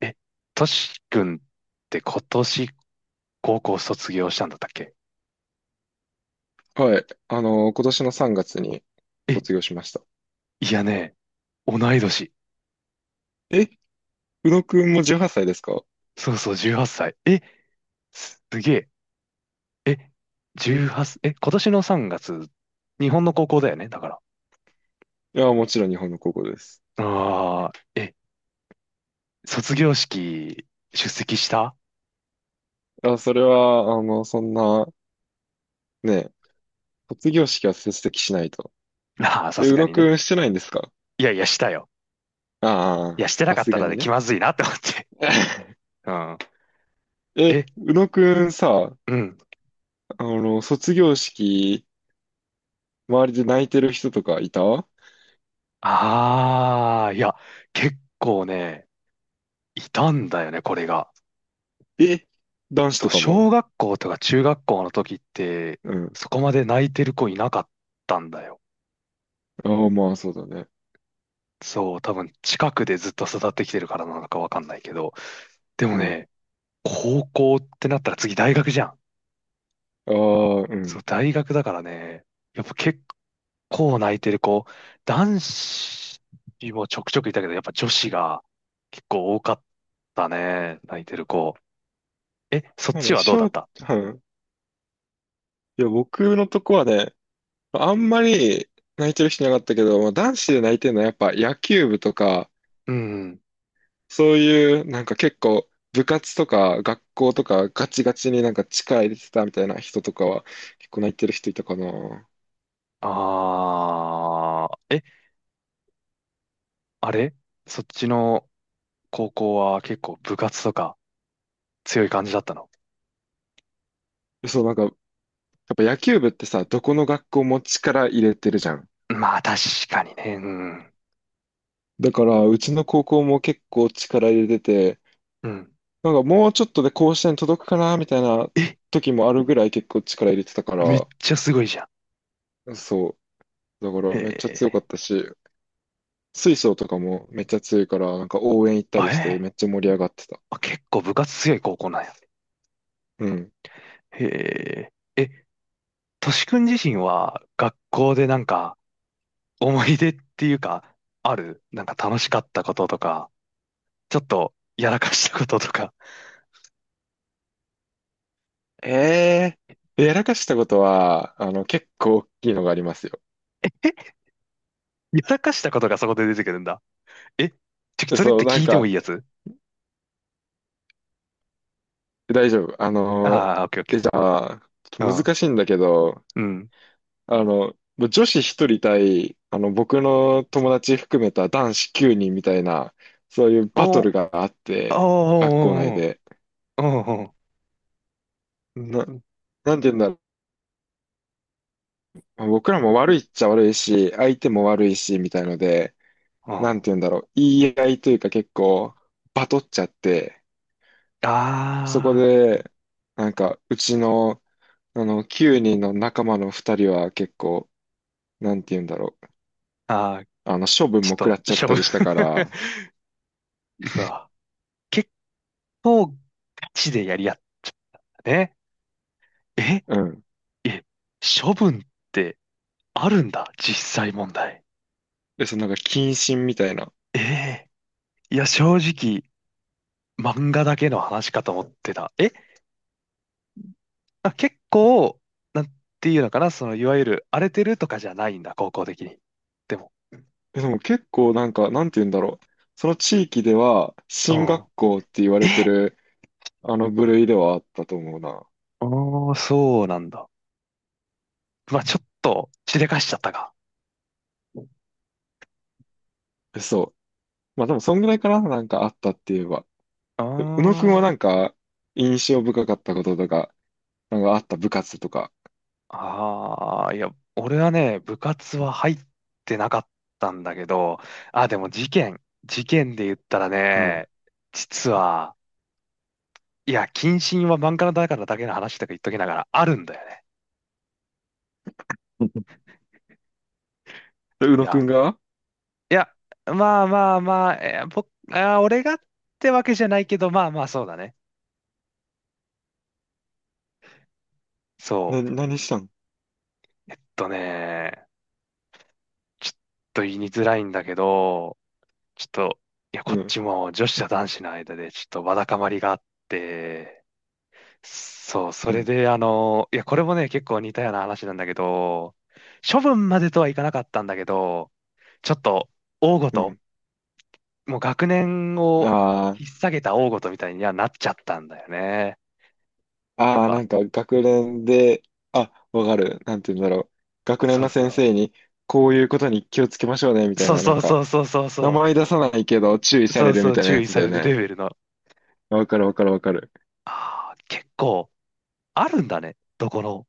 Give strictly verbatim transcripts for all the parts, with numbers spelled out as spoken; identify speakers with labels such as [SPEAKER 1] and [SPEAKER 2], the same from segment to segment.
[SPEAKER 1] え、トシ君って今年高校卒業したんだったっけ？
[SPEAKER 2] はい。あの、今年のさんがつに
[SPEAKER 1] え、
[SPEAKER 2] 卒業しました。
[SPEAKER 1] いやね、同い年。
[SPEAKER 2] え、宇野くんもじゅうはっさいですか？
[SPEAKER 1] そうそう、じゅうはっさい。え、すげえ。え、
[SPEAKER 2] うん。
[SPEAKER 1] じゅうはち、え、今年のさんがつ、日本の高校だよね、だから。
[SPEAKER 2] いや、もちろん日本の高校です。
[SPEAKER 1] ああ、え、卒業式出席した？
[SPEAKER 2] あ、それは、あの、そんな、ね、卒業式は出席しないと。
[SPEAKER 1] あ あー、さ
[SPEAKER 2] え、
[SPEAKER 1] す
[SPEAKER 2] 宇
[SPEAKER 1] が
[SPEAKER 2] 野
[SPEAKER 1] に
[SPEAKER 2] く
[SPEAKER 1] ね。
[SPEAKER 2] んしてないんですか？
[SPEAKER 1] いやいや、したよ。いや、
[SPEAKER 2] ああ
[SPEAKER 1] してな
[SPEAKER 2] ー、さ
[SPEAKER 1] かっ
[SPEAKER 2] す
[SPEAKER 1] た
[SPEAKER 2] が
[SPEAKER 1] ら
[SPEAKER 2] に
[SPEAKER 1] ね、気
[SPEAKER 2] ね。
[SPEAKER 1] まずいなって思って。うん。
[SPEAKER 2] え、
[SPEAKER 1] え、
[SPEAKER 2] 宇野くんさ、
[SPEAKER 1] うん。
[SPEAKER 2] あの、卒業式、周りで泣いてる人とかいた？
[SPEAKER 1] ああ、いや、結構ね、いたんだよね、これが。
[SPEAKER 2] え、男子
[SPEAKER 1] そう、
[SPEAKER 2] とか
[SPEAKER 1] 小
[SPEAKER 2] も？
[SPEAKER 1] 学校とか中学校の時って、
[SPEAKER 2] うん。
[SPEAKER 1] そこまで泣いてる子いなかったんだよ。
[SPEAKER 2] ああ、まあ、そうだね。
[SPEAKER 1] そう、多分近くでずっと育ってきてるからなのかわかんないけど。で
[SPEAKER 2] う
[SPEAKER 1] も
[SPEAKER 2] ん。
[SPEAKER 1] ね、高校ってなったら次大学じゃん。
[SPEAKER 2] ああ、う
[SPEAKER 1] そう、
[SPEAKER 2] ん。
[SPEAKER 1] 大学だからね、やっぱ結構泣いてる子、男子もちょくちょくいたけど、やっぱ女子が結構多かったね、泣いてる子。え、そっ
[SPEAKER 2] まあ
[SPEAKER 1] ち
[SPEAKER 2] ね、
[SPEAKER 1] は
[SPEAKER 2] し
[SPEAKER 1] どうだ
[SPEAKER 2] ょ
[SPEAKER 1] っ
[SPEAKER 2] う、
[SPEAKER 1] た？
[SPEAKER 2] いや、僕のとこはね、あんまり泣いてる人いなかったけど、まあ、男子で泣いてるのはやっぱ野球部とか、
[SPEAKER 1] うん。
[SPEAKER 2] そういうなんか結構部活とか学校とかガチガチになんか力入れてたみたいな人とかは結構泣いてる人いたかな。
[SPEAKER 1] あー、え、あれ？そっちの、高校は結構部活とか強い感じだったの？
[SPEAKER 2] そう、なんかやっぱ野球部ってさ、どこの学校も力入れてるじゃん。
[SPEAKER 1] まあ確かにね。うん。
[SPEAKER 2] だからうちの高校も結構力入れてて、
[SPEAKER 1] うん。
[SPEAKER 2] なんかもうちょっとで甲子園届くかなみたいな
[SPEAKER 1] え、
[SPEAKER 2] 時もあるぐらい結構力入れてたか
[SPEAKER 1] めっ
[SPEAKER 2] ら、
[SPEAKER 1] ちゃすごいじゃん。
[SPEAKER 2] そう。だから
[SPEAKER 1] へ
[SPEAKER 2] めっちゃ強かっ
[SPEAKER 1] え。
[SPEAKER 2] たし、水晶とかもめっちゃ強いから、なんか応援行った
[SPEAKER 1] あ、
[SPEAKER 2] り
[SPEAKER 1] え
[SPEAKER 2] して
[SPEAKER 1] え。
[SPEAKER 2] めっちゃ盛り上がってた。
[SPEAKER 1] あ、結構部活強い高校なんや。
[SPEAKER 2] うん。
[SPEAKER 1] へえ。え、としくん自身は学校でなんか思い出っていうか、あるなんか楽しかったこととか、ちょっとやらかしたこととか。
[SPEAKER 2] えー、やらかしたことは、あの、結構大きいのがありますよ。
[SPEAKER 1] やらかしたことがそこで出てくるんだ。え、ちょ、
[SPEAKER 2] で
[SPEAKER 1] それっ
[SPEAKER 2] そう、
[SPEAKER 1] て
[SPEAKER 2] なん
[SPEAKER 1] 聞いても
[SPEAKER 2] か、
[SPEAKER 1] いいやつ？
[SPEAKER 2] 大丈夫。あの、
[SPEAKER 1] ああー、オッケーオッ
[SPEAKER 2] え、
[SPEAKER 1] ケ
[SPEAKER 2] じゃあ、ちょっと
[SPEAKER 1] ー。
[SPEAKER 2] 難しいんだけど、
[SPEAKER 1] うん。うん。
[SPEAKER 2] あの、もう女子ひとり対、あの、僕の友達含めた男子きゅうにんみたいな、そういうバ
[SPEAKER 1] お、
[SPEAKER 2] ト
[SPEAKER 1] おー
[SPEAKER 2] ルがあっ
[SPEAKER 1] おー
[SPEAKER 2] て、学校内
[SPEAKER 1] おー
[SPEAKER 2] で。
[SPEAKER 1] うんうんうん。
[SPEAKER 2] な、なんて言うんだ。まあ僕らも悪いっちゃ悪いし、相手も悪いし、みたいので、なん
[SPEAKER 1] あ
[SPEAKER 2] て言うんだろう、言い合いというか結構、バトっちゃって、そこ
[SPEAKER 1] あ、
[SPEAKER 2] で、なんか、うちの、あの、きゅうにんの仲間のふたりは結構、なんて言うんだろう、
[SPEAKER 1] あー、
[SPEAKER 2] あの、処分
[SPEAKER 1] ち
[SPEAKER 2] も
[SPEAKER 1] ょ
[SPEAKER 2] 食
[SPEAKER 1] っ
[SPEAKER 2] らっ
[SPEAKER 1] と、
[SPEAKER 2] ちゃっ
[SPEAKER 1] しょぶ。
[SPEAKER 2] たりしたから、
[SPEAKER 1] うわ。結構、ガチでやり合ったね。え、
[SPEAKER 2] うん。
[SPEAKER 1] え、処分ってあるんだ、実際問題。
[SPEAKER 2] で、そのなんか、謹慎みたいな。
[SPEAKER 1] ええ、いや、正直、漫画だけの話かと思ってた。え、あ、結構、なんていうのかな、その、いわゆる荒れてるとかじゃないんだ、高校的に。でも、
[SPEAKER 2] でも結構なんか、なんて言うんだろう、その地域では、
[SPEAKER 1] う
[SPEAKER 2] 進
[SPEAKER 1] ん。
[SPEAKER 2] 学校って言われて
[SPEAKER 1] え、
[SPEAKER 2] る、あの部類ではあったと思うな。
[SPEAKER 1] おー、そうなんだ。まあ、ちょっと、しでかしちゃったか。
[SPEAKER 2] そう。まあでも、そんぐらいかな、なんかあったって言えば。
[SPEAKER 1] あ
[SPEAKER 2] う宇野くんは
[SPEAKER 1] ー、
[SPEAKER 2] なんか、印象深かったこととか、なんかあった部活とか。
[SPEAKER 1] ああ、いや、俺はね、部活は入ってなかったんだけど、あ、でも事件、事件で言ったら
[SPEAKER 2] うん。
[SPEAKER 1] ね、実は、いや、謹慎は漫画のだからだけの話とか言っときながらあるんだよね。
[SPEAKER 2] で宇
[SPEAKER 1] い
[SPEAKER 2] 野く
[SPEAKER 1] や、
[SPEAKER 2] んが
[SPEAKER 1] いや、まあまあまあ、えー僕、あー、俺がってわけじゃないけど、まあまあそうだね。そ
[SPEAKER 2] な、
[SPEAKER 1] う、え
[SPEAKER 2] 何したん？
[SPEAKER 1] っとね、ちょっと言いにづらいんだけど、ちょっと、いや、
[SPEAKER 2] う
[SPEAKER 1] こっ
[SPEAKER 2] ん、
[SPEAKER 1] ちも女子と男子の間でちょっとわだかまりがあって、そう、そ
[SPEAKER 2] う
[SPEAKER 1] れ
[SPEAKER 2] ん、
[SPEAKER 1] で、あの、いや、これもね、結構似たような話なんだけど、処分までとはいかなかったんだけど、ちょっと、大ご
[SPEAKER 2] う
[SPEAKER 1] と、
[SPEAKER 2] ん。
[SPEAKER 1] もう学年を
[SPEAKER 2] あ
[SPEAKER 1] 引っ提げた大ごとみたいにはなっちゃったんだよね。やっ
[SPEAKER 2] あ、ああ、
[SPEAKER 1] ぱ、
[SPEAKER 2] なんか学年で、あ、わかる。なんて言うんだろう。学年
[SPEAKER 1] そう
[SPEAKER 2] の
[SPEAKER 1] そ
[SPEAKER 2] 先
[SPEAKER 1] う。
[SPEAKER 2] 生に、こういうことに気をつけましょうね、みたい
[SPEAKER 1] そう
[SPEAKER 2] な、な
[SPEAKER 1] そ
[SPEAKER 2] ん
[SPEAKER 1] う
[SPEAKER 2] か、
[SPEAKER 1] そうそうそう
[SPEAKER 2] 名
[SPEAKER 1] そ
[SPEAKER 2] 前出さないけど注意
[SPEAKER 1] う。
[SPEAKER 2] さ
[SPEAKER 1] そ
[SPEAKER 2] れ
[SPEAKER 1] う
[SPEAKER 2] る
[SPEAKER 1] そ
[SPEAKER 2] み
[SPEAKER 1] う、
[SPEAKER 2] たいな
[SPEAKER 1] 注
[SPEAKER 2] や
[SPEAKER 1] 意
[SPEAKER 2] つ
[SPEAKER 1] さ
[SPEAKER 2] だよ
[SPEAKER 1] れるレ
[SPEAKER 2] ね。
[SPEAKER 1] ベルの。
[SPEAKER 2] わかるわかるわかる。
[SPEAKER 1] ああ、結構、あるんだね。どこの、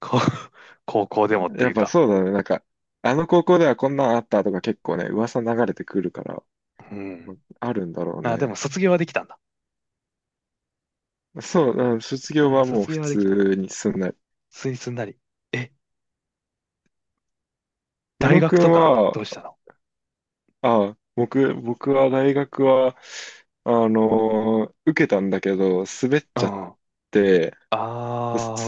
[SPEAKER 1] こう 高校でもって
[SPEAKER 2] や
[SPEAKER 1] い
[SPEAKER 2] っ
[SPEAKER 1] う
[SPEAKER 2] ぱ
[SPEAKER 1] か。
[SPEAKER 2] そうだね。なんか、あの高校ではこんなんあったとか結構ね、噂流れてくるから。
[SPEAKER 1] うん。
[SPEAKER 2] あるんだろう
[SPEAKER 1] あー、でも
[SPEAKER 2] ね。
[SPEAKER 1] 卒業はできたんだ。
[SPEAKER 2] そう、あ、卒
[SPEAKER 1] う
[SPEAKER 2] 業
[SPEAKER 1] ん、
[SPEAKER 2] はもう
[SPEAKER 1] 卒
[SPEAKER 2] 普
[SPEAKER 1] 業はできた。
[SPEAKER 2] 通にすんない。
[SPEAKER 1] スイスになり。え、
[SPEAKER 2] 宇
[SPEAKER 1] 大
[SPEAKER 2] 野
[SPEAKER 1] 学
[SPEAKER 2] く
[SPEAKER 1] と
[SPEAKER 2] ん
[SPEAKER 1] か
[SPEAKER 2] は、
[SPEAKER 1] どうしたの？
[SPEAKER 2] あ、僕、僕は大学は、あのー受けたんだけど、滑っ
[SPEAKER 1] う
[SPEAKER 2] ちゃっ
[SPEAKER 1] ん。あ
[SPEAKER 2] て、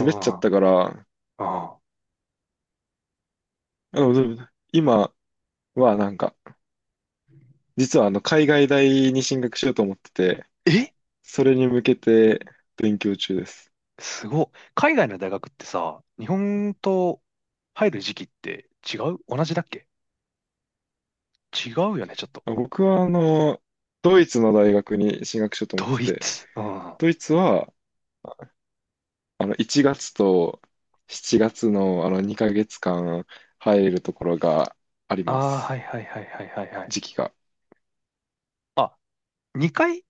[SPEAKER 2] 滑っちゃったから、
[SPEAKER 1] うん。うん、
[SPEAKER 2] あのでも今はなんか、実はあの海外大に進学しようと思ってて、
[SPEAKER 1] え、
[SPEAKER 2] それに向けて勉強中です。
[SPEAKER 1] すごい。海外の大学ってさ、日本と入る時期って違う？同じだっけ？違うよね、ちょっと。
[SPEAKER 2] 僕はあの、ドイツの大学に進学しようと思っ
[SPEAKER 1] ド
[SPEAKER 2] て
[SPEAKER 1] イ
[SPEAKER 2] て、
[SPEAKER 1] ツ。うん。あ
[SPEAKER 2] ドイツは、あの、いちがつとしちがつのあのにかげつかん入るところがあり
[SPEAKER 1] あ、
[SPEAKER 2] ま
[SPEAKER 1] は
[SPEAKER 2] す。
[SPEAKER 1] いはいはいはいはいはい。
[SPEAKER 2] 時期が。
[SPEAKER 1] あ、にかい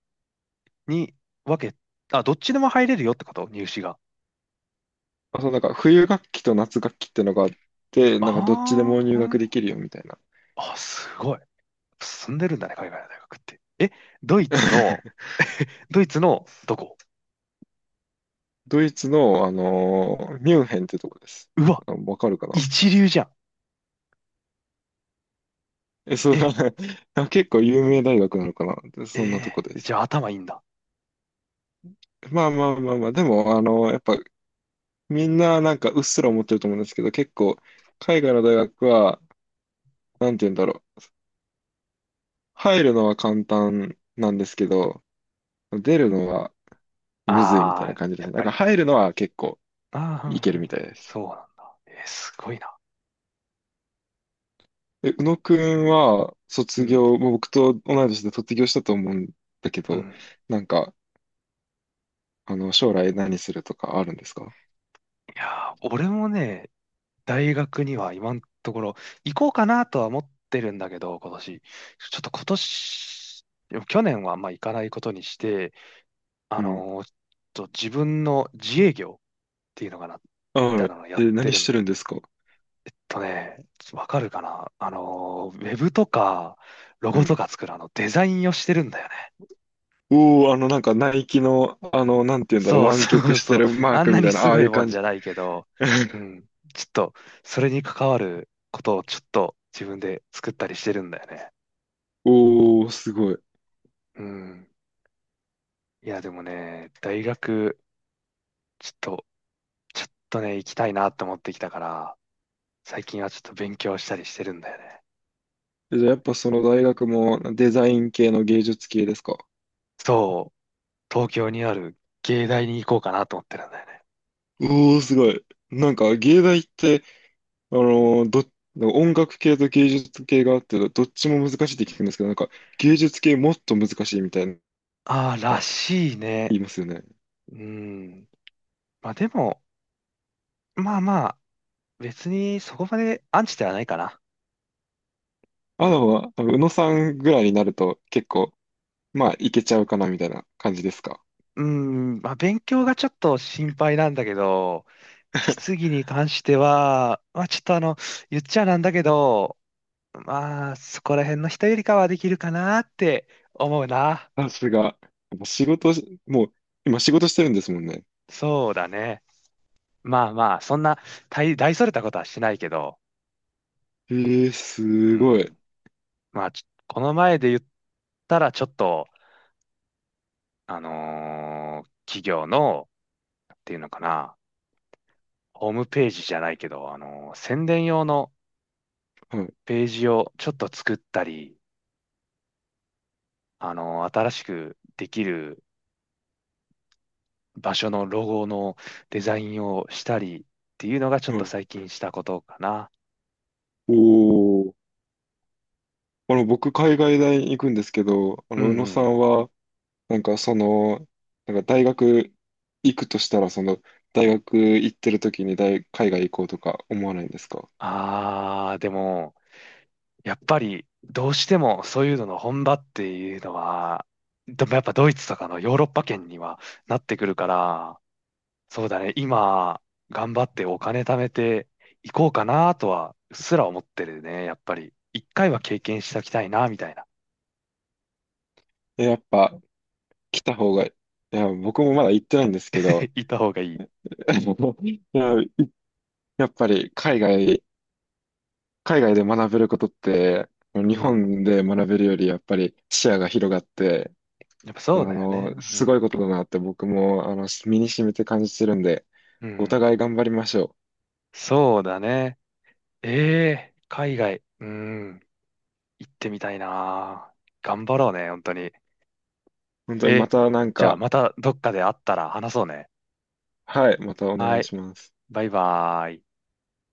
[SPEAKER 1] に分け、あ、どっちでも入れるよってこと？入試が。
[SPEAKER 2] あ、そう、なんか冬学期と夏学期ってのがあって、なんかどっちでも
[SPEAKER 1] ああ、
[SPEAKER 2] 入
[SPEAKER 1] う
[SPEAKER 2] 学
[SPEAKER 1] ん。
[SPEAKER 2] できるよみたいな。
[SPEAKER 1] あ、すごい。進んでるんだね、海外の大学って。え、ドイツの、ドイツのどこ？
[SPEAKER 2] ドイツの、あのーミュンヘンってとこです。
[SPEAKER 1] うわ、
[SPEAKER 2] あ、わかるかな？
[SPEAKER 1] 一流じゃん。
[SPEAKER 2] え、そう、
[SPEAKER 1] え、
[SPEAKER 2] 結構有名大学なのかな、で
[SPEAKER 1] え、
[SPEAKER 2] そんなとこで
[SPEAKER 1] え、
[SPEAKER 2] す。
[SPEAKER 1] じゃあ頭いいんだ。
[SPEAKER 2] まあまあまあまあ、でも、あのーやっぱみんななんかうっすら思ってると思うんですけど、結構海外の大学は、なんて言うんだろう。入るのは簡単なんですけど、出るのはむずいみ
[SPEAKER 1] あ
[SPEAKER 2] たいな
[SPEAKER 1] あ、
[SPEAKER 2] 感じで
[SPEAKER 1] や
[SPEAKER 2] す
[SPEAKER 1] っ
[SPEAKER 2] ね。なん
[SPEAKER 1] ぱ
[SPEAKER 2] か
[SPEAKER 1] り。
[SPEAKER 2] 入るのは結構
[SPEAKER 1] ああ、うんう
[SPEAKER 2] いけるみ
[SPEAKER 1] ん。
[SPEAKER 2] たいです。
[SPEAKER 1] そうなんだ。えー、すごいな。
[SPEAKER 2] え、宇野くんは
[SPEAKER 1] う
[SPEAKER 2] 卒
[SPEAKER 1] ん、
[SPEAKER 2] 業、もう僕と同い年で卒業したと思うんだけ
[SPEAKER 1] う
[SPEAKER 2] ど、
[SPEAKER 1] ん。
[SPEAKER 2] なんか、あの、将来何するとかあるんですか？
[SPEAKER 1] いやー、俺もね、大学には今のところ行こうかなとは思ってるんだけど、今年。ちょっと今年、でも去年はあんま行かないことにして、あ
[SPEAKER 2] うん。
[SPEAKER 1] のーちょっと自分の自営業っていうのかな、
[SPEAKER 2] あ、
[SPEAKER 1] みた
[SPEAKER 2] は
[SPEAKER 1] い
[SPEAKER 2] い。
[SPEAKER 1] なのをやっ
[SPEAKER 2] え、
[SPEAKER 1] て
[SPEAKER 2] 何
[SPEAKER 1] る
[SPEAKER 2] し
[SPEAKER 1] ん
[SPEAKER 2] て
[SPEAKER 1] だ
[SPEAKER 2] る
[SPEAKER 1] よ。
[SPEAKER 2] んですか？
[SPEAKER 1] とね、わかるかな、あのーウェブとか、ロ
[SPEAKER 2] う
[SPEAKER 1] ゴと
[SPEAKER 2] ん。
[SPEAKER 1] か作るあの、デザインをしてるんだよね。
[SPEAKER 2] おー、あの、なんか、ナイキの、あの、なんて言うんだろう、
[SPEAKER 1] そう
[SPEAKER 2] 湾
[SPEAKER 1] そ
[SPEAKER 2] 曲
[SPEAKER 1] う
[SPEAKER 2] して
[SPEAKER 1] そう。
[SPEAKER 2] る マー
[SPEAKER 1] あん
[SPEAKER 2] ク
[SPEAKER 1] な
[SPEAKER 2] みた
[SPEAKER 1] に
[SPEAKER 2] いな、
[SPEAKER 1] す
[SPEAKER 2] ああ
[SPEAKER 1] ご
[SPEAKER 2] い
[SPEAKER 1] い
[SPEAKER 2] う
[SPEAKER 1] もん
[SPEAKER 2] 感
[SPEAKER 1] じ
[SPEAKER 2] じ。
[SPEAKER 1] ゃないけど、う ん。ちょっと、それに関わることをちょっと自分で作ったりしてるんだよね。
[SPEAKER 2] おー、すごい。
[SPEAKER 1] うん。いや、でもね、大学、ちょっと、ちょっとね、行きたいなって思ってきたから、最近はちょっと勉強したりしてるんだよね。
[SPEAKER 2] え、じゃあ、やっぱその大学もデザイン系の芸術系ですか？
[SPEAKER 1] そう、東京にある芸大に行こうかなと思ってるんだよね。
[SPEAKER 2] おー、すごい。なんか、芸大って、あのーど、音楽系と芸術系があって、どっちも難しいって聞くんですけど、なんか、芸術系もっと難しいみたいな、
[SPEAKER 1] ああ、らしいね。
[SPEAKER 2] 言いますよね。
[SPEAKER 1] うん。まあでも、まあまあ、別にそこまでアンチではないかな。
[SPEAKER 2] あのは、あの宇野さんぐらいになると、結構、まあ、いけちゃうかな、みたいな感じですか。
[SPEAKER 1] うん、まあ、勉強がちょっと心配なんだけど、実技に関しては、まあ、ちょっとあの、言っちゃなんだけど、まあ、そこら辺の人よりかはできるかなって思うな。
[SPEAKER 2] さすが。やっぱ仕事し、もう、今仕事してるんですもんね。
[SPEAKER 1] そうだね。まあまあ、そんな大、大それたことはしないけど、
[SPEAKER 2] えー、
[SPEAKER 1] う
[SPEAKER 2] すごい。
[SPEAKER 1] ん、まあ、ちょこの前で言ったら、ちょっと、あのー企業の、っていうのかな、ホームページじゃないけど、あのー宣伝用の
[SPEAKER 2] はい、
[SPEAKER 1] ページをちょっと作ったり、あの、新しくできる場所のロゴのデザインをしたりっていうのがちょっ
[SPEAKER 2] は
[SPEAKER 1] と
[SPEAKER 2] い。
[SPEAKER 1] 最近したことかな。
[SPEAKER 2] おー。あの、僕、海外大に行くんですけど、あ
[SPEAKER 1] うん
[SPEAKER 2] の、宇野
[SPEAKER 1] う
[SPEAKER 2] さ
[SPEAKER 1] ん。
[SPEAKER 2] んは、なんかその、なんか大学行くとしたら、その大学行ってる時に大、海外行こうとか思わないんですか？
[SPEAKER 1] ああ、でも、やっぱりどうしてもそういうのの本場っていうのは、でもやっぱドイツとかのヨーロッパ圏にはなってくるから、そうだね、今頑張ってお金貯めていこうかなとはうっすら思ってるね、やっぱり。一回は経験しておきたいな、みたいな。
[SPEAKER 2] え、やっぱ来た方が、いや、僕もまだ行ってないんですけど、
[SPEAKER 1] 行った方がいい。
[SPEAKER 2] いや、いやっぱり海外、海外で学べることって、
[SPEAKER 1] う
[SPEAKER 2] 日
[SPEAKER 1] ん。
[SPEAKER 2] 本で学べるよりやっぱり視野が広がって、
[SPEAKER 1] やっぱ
[SPEAKER 2] あ
[SPEAKER 1] そうだよね。
[SPEAKER 2] の、
[SPEAKER 1] う
[SPEAKER 2] すご
[SPEAKER 1] ん。
[SPEAKER 2] いことだなって僕も、あの、身に染みて感じてるんで、
[SPEAKER 1] う
[SPEAKER 2] お
[SPEAKER 1] ん。
[SPEAKER 2] 互い頑張りましょう。
[SPEAKER 1] そうだね。え、え、海外。うん。行ってみたいな。頑張ろうね、本当に。
[SPEAKER 2] 本当にま
[SPEAKER 1] え、
[SPEAKER 2] たなん
[SPEAKER 1] じゃあ
[SPEAKER 2] か、
[SPEAKER 1] またどっかで会ったら話そうね。
[SPEAKER 2] はい、またお願
[SPEAKER 1] は
[SPEAKER 2] い
[SPEAKER 1] い。
[SPEAKER 2] します。
[SPEAKER 1] バイバーイ。